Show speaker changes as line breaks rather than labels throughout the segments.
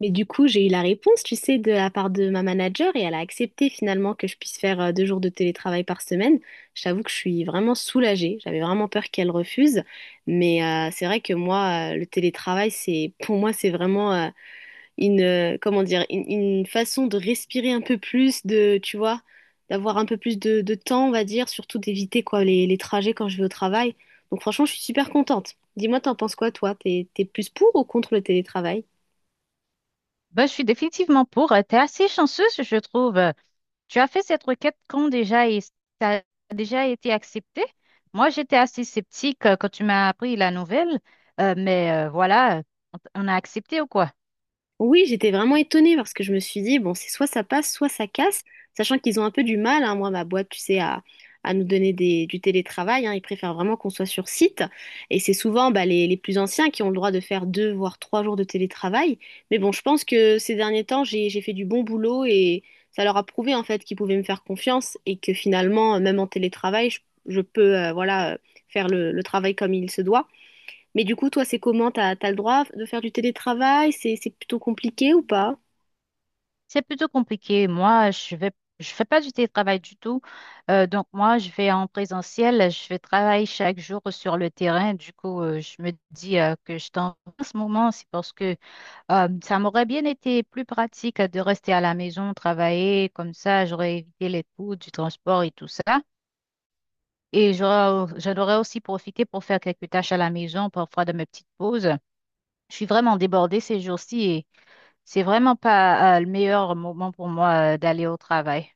Mais du coup, j'ai eu la réponse, tu sais, de la part de ma manager et elle a accepté finalement que je puisse faire 2 jours de télétravail par semaine. Je t'avoue que je suis vraiment soulagée. J'avais vraiment peur qu'elle refuse. Mais c'est vrai que moi, le télétravail, c'est, pour moi, c'est vraiment une, comment dire, une façon de respirer un peu plus, de, tu vois, d'avoir un peu plus de temps, on va dire, surtout d'éviter quoi les trajets quand je vais au travail. Donc franchement, je suis super contente. Dis-moi, t'en penses quoi, toi? T'es plus pour ou contre le télétravail?
Ben, je suis définitivement pour. Tu es assez chanceuse, je trouve. Tu as fait cette requête quand déjà et ça a déjà été accepté. Moi, j'étais assez sceptique quand tu m'as appris la nouvelle, voilà, on a accepté ou quoi?
Oui, j'étais vraiment étonnée parce que je me suis dit, bon, c'est soit ça passe, soit ça casse, sachant qu'ils ont un peu du mal, hein, moi, ma boîte, tu sais, à nous donner des, du télétravail, hein, ils préfèrent vraiment qu'on soit sur site. Et c'est souvent bah, les plus anciens qui ont le droit de faire deux, voire 3 jours de télétravail. Mais bon, je pense que ces derniers temps, j'ai fait du bon boulot et ça leur a prouvé, en fait, qu'ils pouvaient me faire confiance et que finalement, même en télétravail, je peux, faire le travail comme il se doit. Mais du coup, toi, c'est comment? T'as le droit de faire du télétravail? C'est plutôt compliqué ou pas?
C'est plutôt compliqué. Je fais pas du télétravail du tout. Donc moi, je vais en présentiel. Je vais travailler chaque jour sur le terrain. Du coup, je me dis que je t'en en ce moment, c'est parce que ça m'aurait bien été plus pratique de rester à la maison, travailler, comme ça j'aurais évité les coûts du transport et tout ça. Et j'en aurais aussi profité pour faire quelques tâches à la maison, parfois de mes petites pauses. Je suis vraiment débordée ces jours-ci et c'est vraiment pas, le meilleur moment pour moi, d'aller au travail.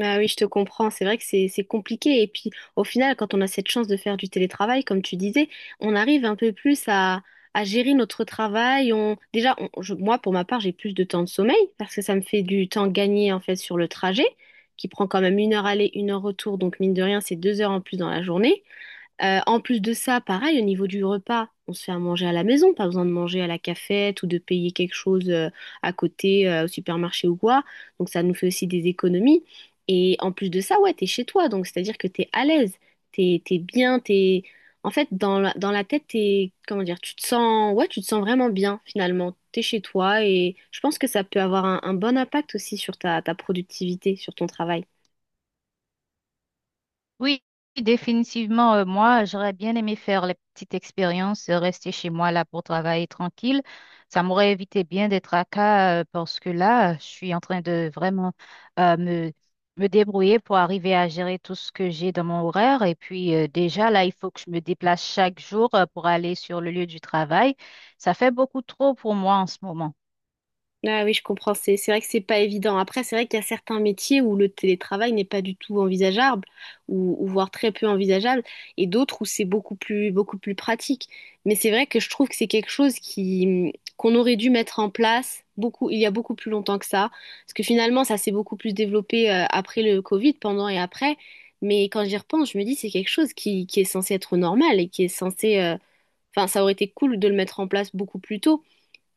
Ah oui, je te comprends. C'est vrai que c'est compliqué. Et puis, au final, quand on a cette chance de faire du télétravail, comme tu disais, on arrive un peu plus à gérer notre travail. On, déjà, moi, pour ma part, j'ai plus de temps de sommeil parce que ça me fait du temps gagné, en fait, sur le trajet, qui prend quand même 1 heure aller, 1 heure retour. Donc, mine de rien, c'est 2 heures en plus dans la journée. En plus de ça, pareil, au niveau du repas, on se fait à manger à la maison, pas besoin de manger à la cafette ou de payer quelque chose à côté au supermarché ou quoi. Donc ça nous fait aussi des économies. Et en plus de ça, ouais, t'es chez toi, donc c'est-à-dire que t'es à l'aise, t'es bien, t'es... En fait, dans la tête, t'es, comment dire, tu te sens, ouais, tu te sens vraiment bien finalement. T'es chez toi et je pense que ça peut avoir un bon impact aussi sur ta productivité, sur ton travail.
Oui, définitivement, moi, j'aurais bien aimé faire les petites expériences, rester chez moi là pour travailler tranquille. Ça m'aurait évité bien des tracas parce que là, je suis en train de vraiment euh, me, me débrouiller pour arriver à gérer tout ce que j'ai dans mon horaire. Et puis déjà, là, il faut que je me déplace chaque jour pour aller sur le lieu du travail. Ça fait beaucoup trop pour moi en ce moment.
Ah oui, je comprends. C'est vrai que c'est pas évident. Après, c'est vrai qu'il y a certains métiers où le télétravail n'est pas du tout envisageable, ou voire très peu envisageable, et d'autres où c'est beaucoup plus pratique. Mais c'est vrai que je trouve que c'est quelque chose qui qu'on aurait dû mettre en place beaucoup il y a beaucoup plus longtemps que ça, parce que finalement ça s'est beaucoup plus développé après le Covid, pendant et après. Mais quand j'y repense, je me dis c'est quelque chose qui est censé être normal et qui est censé, enfin ça aurait été cool de le mettre en place beaucoup plus tôt.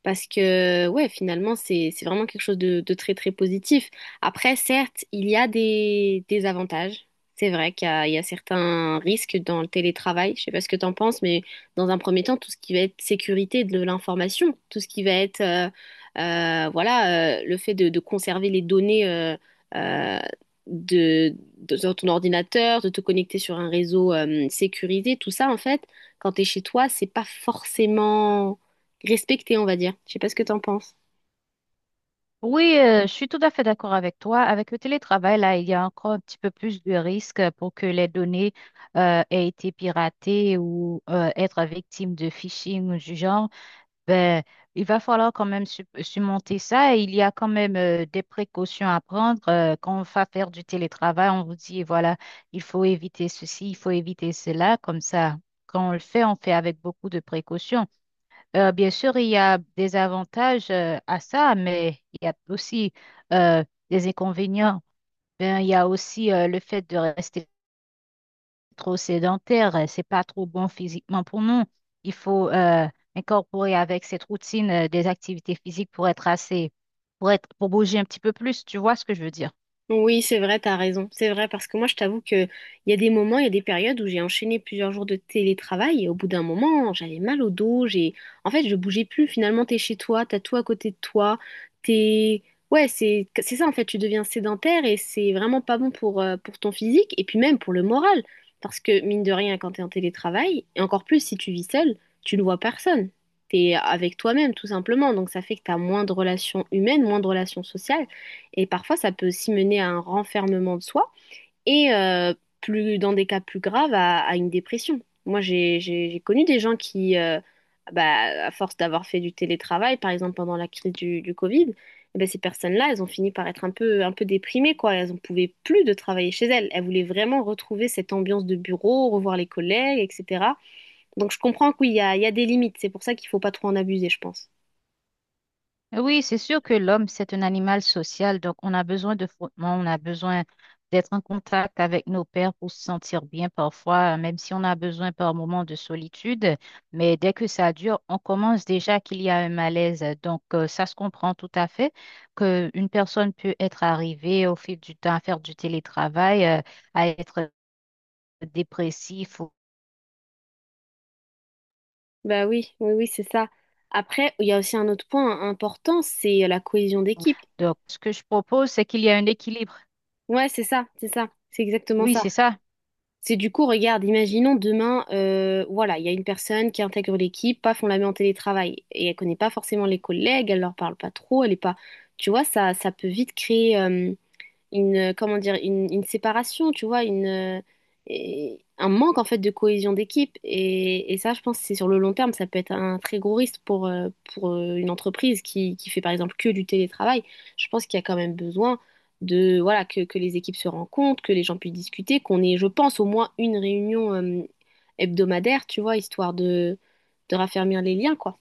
Parce que, ouais, finalement, c'est vraiment quelque chose de très, très positif. Après, certes, il y a des avantages. C'est vrai qu'il y a, il y a certains risques dans le télétravail. Je sais pas ce que tu en penses, mais dans un premier temps, tout ce qui va être sécurité de l'information, tout ce qui va être, voilà, le fait de conserver les données euh, de, sur ton ordinateur, de te connecter sur un réseau sécurisé, tout ça, en fait, quand tu es chez toi, c'est pas forcément respecté, on va dire. Je sais pas ce que t'en penses.
Oui, je suis tout à fait d'accord avec toi. Avec le télétravail, là, il y a encore un petit peu plus de risques pour que les données aient été piratées ou être victimes de phishing ou du genre. Ben, il va falloir quand même surmonter ça. Et il y a quand même des précautions à prendre. Quand on va faire du télétravail, on vous dit, voilà, il faut éviter ceci, il faut éviter cela. Comme ça, quand on le fait, on fait avec beaucoup de précautions. Bien sûr, il y a des avantages à ça, mais il y a aussi des inconvénients. Ben, il y a aussi le fait de rester trop sédentaire. C'est pas trop bon physiquement pour nous. Il faut incorporer avec cette routine des activités physiques pour être pour être, pour bouger un petit peu plus. Tu vois ce que je veux dire?
Oui, c'est vrai, t'as raison. C'est vrai, parce que moi, je t'avoue que il y a des moments, il y a des périodes où j'ai enchaîné plusieurs jours de télétravail et au bout d'un moment, j'avais mal au dos. En fait, je bougeais plus. Finalement, t'es chez toi, t'as tout à côté de toi. T'es, ouais, c'est ça en fait. Tu deviens sédentaire et c'est vraiment pas bon pour ton physique et puis même pour le moral, parce que mine de rien, quand t'es en télétravail et encore plus si tu vis seul, tu ne vois personne. T'es avec toi-même tout simplement, donc ça fait que t'as moins de relations humaines, moins de relations sociales. Et parfois, ça peut aussi mener à un renfermement de soi et, plus, dans des cas plus graves, à une dépression. Moi, j'ai connu des gens qui, bah, à force d'avoir fait du télétravail, par exemple pendant la crise du Covid, eh ben, ces personnes-là, elles ont fini par être un peu déprimées, quoi. Elles n'en pouvaient plus de travailler chez elles. Elles voulaient vraiment retrouver cette ambiance de bureau, revoir les collègues, etc. Donc, je comprends que oui, il y a des limites. C'est pour ça qu'il ne faut pas trop en abuser, je pense.
Oui, c'est sûr que l'homme, c'est un animal social, donc on a besoin de frottement, on a besoin d'être en contact avec nos pairs pour se sentir bien parfois, même si on a besoin par moments de solitude. Mais dès que ça dure, on commence déjà qu'il y a un malaise. Donc ça se comprend tout à fait qu'une personne peut être arrivée au fil du temps à faire du télétravail, à être dépressif.
Bah oui, oui, oui, c'est ça. Après, il y a aussi un autre point important, c'est la cohésion d'équipe.
Donc ce que je propose, c'est qu'il y a un équilibre.
Ouais, c'est ça, c'est ça, c'est exactement
Oui,
ça.
c'est ça.
C'est du coup, regarde, imaginons demain, voilà, il y a une personne qui intègre l'équipe, paf, on la met en télétravail et elle connaît pas forcément les collègues, elle leur parle pas trop, elle est pas, tu vois, ça peut vite créer, comment dire, une séparation, tu vois, un manque en fait de cohésion d'équipe. Et ça, je pense que c'est sur le long terme, ça peut être un très gros risque pour, une entreprise qui fait par exemple que du télétravail. Je pense qu'il y a quand même besoin de, voilà, que les équipes se rencontrent, que les gens puissent discuter, qu'on ait, je pense, au moins une réunion, hebdomadaire, tu vois, histoire de raffermir les liens, quoi.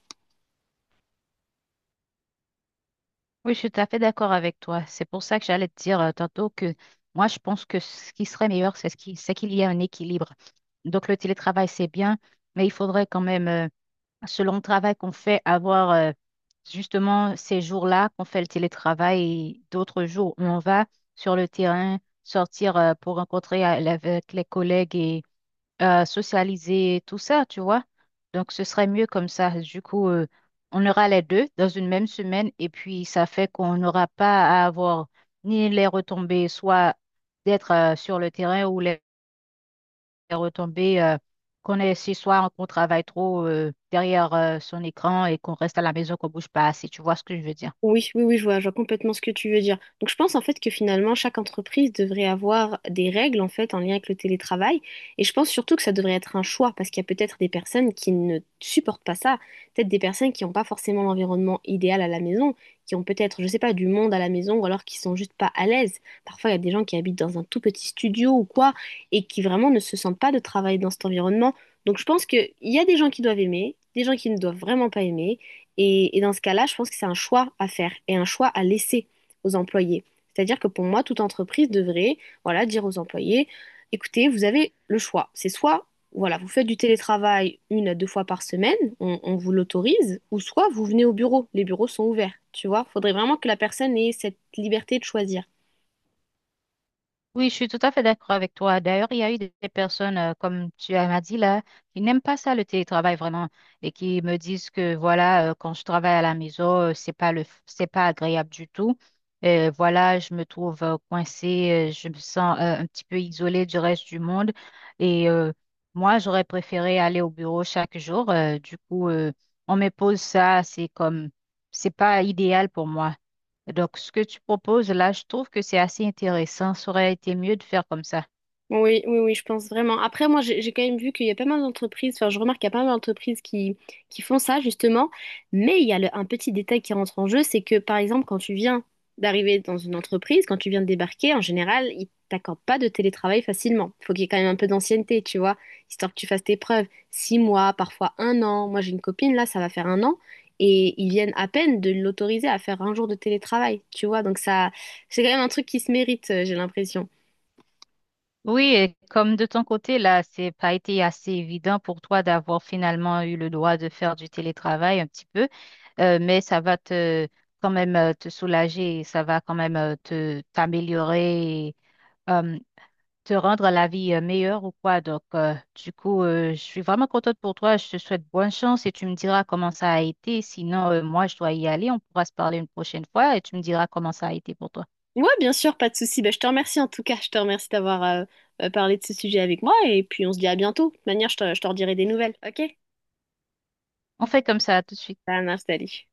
Oui, je suis tout à fait d'accord avec toi. C'est pour ça que j'allais te dire tantôt que moi, je pense que ce qui serait meilleur, c'est c'est qu'il y ait un équilibre. Donc, le télétravail, c'est bien, mais il faudrait quand même, selon le travail qu'on fait, avoir justement ces jours-là qu'on fait le télétravail et d'autres jours où on va sur le terrain, sortir pour rencontrer avec les collègues socialiser, tout ça, tu vois. Donc, ce serait mieux comme ça. Du coup, on aura les deux dans une même semaine et puis ça fait qu'on n'aura pas à avoir ni les retombées, soit d'être sur le terrain ou les retombées qu'on est si soit qu'on travaille trop derrière son écran et qu'on reste à la maison, qu'on bouge pas assez. Tu vois ce que je veux dire?
Oui, oui, oui, je vois complètement ce que tu veux dire. Donc, je pense en fait que finalement, chaque entreprise devrait avoir des règles en fait en lien avec le télétravail. Et je pense surtout que ça devrait être un choix parce qu'il y a peut-être des personnes qui ne supportent pas ça, peut-être des personnes qui n'ont pas forcément l'environnement idéal à la maison, qui ont peut-être, je sais pas, du monde à la maison ou alors qui sont juste pas à l'aise. Parfois, il y a des gens qui habitent dans un tout petit studio ou quoi et qui vraiment ne se sentent pas de travailler dans cet environnement. Donc, je pense qu'il y a des gens qui doivent aimer, des gens qui ne doivent vraiment pas aimer. Et dans ce cas-là, je pense que c'est un choix à faire et un choix à laisser aux employés. C'est-à-dire que pour moi, toute entreprise devrait, voilà, dire aux employés, écoutez, vous avez le choix. C'est soit, voilà, vous faites du télétravail une à deux fois par semaine, on vous l'autorise, ou soit vous venez au bureau. Les bureaux sont ouverts, tu vois. Faudrait vraiment que la personne ait cette liberté de choisir.
Oui, je suis tout à fait d'accord avec toi. D'ailleurs, il y a eu des personnes, comme m'as dit là, qui n'aiment pas ça, le télétravail vraiment, et qui me disent que voilà, quand je travaille à la maison, c'est pas c'est pas agréable du tout. Voilà, je me trouve coincée, je me sens un petit peu isolée du reste du monde. Et euh, Moi, j'aurais préféré aller au bureau chaque jour. Du coup, on me pose ça, c'est pas idéal pour moi. Donc, ce que tu proposes là, je trouve que c'est assez intéressant. Ça aurait été mieux de faire comme ça.
Oui, oui, oui, je pense vraiment. Après, moi, j'ai quand même vu qu'il y a pas mal d'entreprises, enfin, je remarque qu'il y a pas mal d'entreprises qui font ça, justement, mais il y a un petit détail qui rentre en jeu, c'est que, par exemple, quand tu viens d'arriver dans une entreprise, quand tu viens de débarquer, en général, ils t'accordent pas de télétravail facilement. Il faut qu'il y ait quand même un peu d'ancienneté, tu vois, histoire que tu fasses tes preuves. 6 mois, parfois un an. Moi, j'ai une copine, là, ça va faire un an, et ils viennent à peine de l'autoriser à faire 1 jour de télétravail, tu vois, donc ça, c'est quand même un truc qui se mérite, j'ai l'impression.
Oui, et comme de ton côté, là, c'est pas été assez évident pour toi d'avoir finalement eu le droit de faire du télétravail un petit peu, mais ça va te quand même te soulager, et ça va quand même te t'améliorer, et, euh, te rendre la vie meilleure ou quoi. Donc, je suis vraiment contente pour toi. Je te souhaite bonne chance et tu me diras comment ça a été. Sinon, moi, je dois y aller. On pourra se parler une prochaine fois et tu me diras comment ça a été pour toi.
Ouais, bien sûr, pas de souci. Ben, je te remercie en tout cas. Je te remercie d'avoir parlé de ce sujet avec moi. Et puis, on se dit à bientôt. De toute manière, je te redirai des nouvelles. Ok?
On fait comme ça tout de suite.
Ça marche, salut.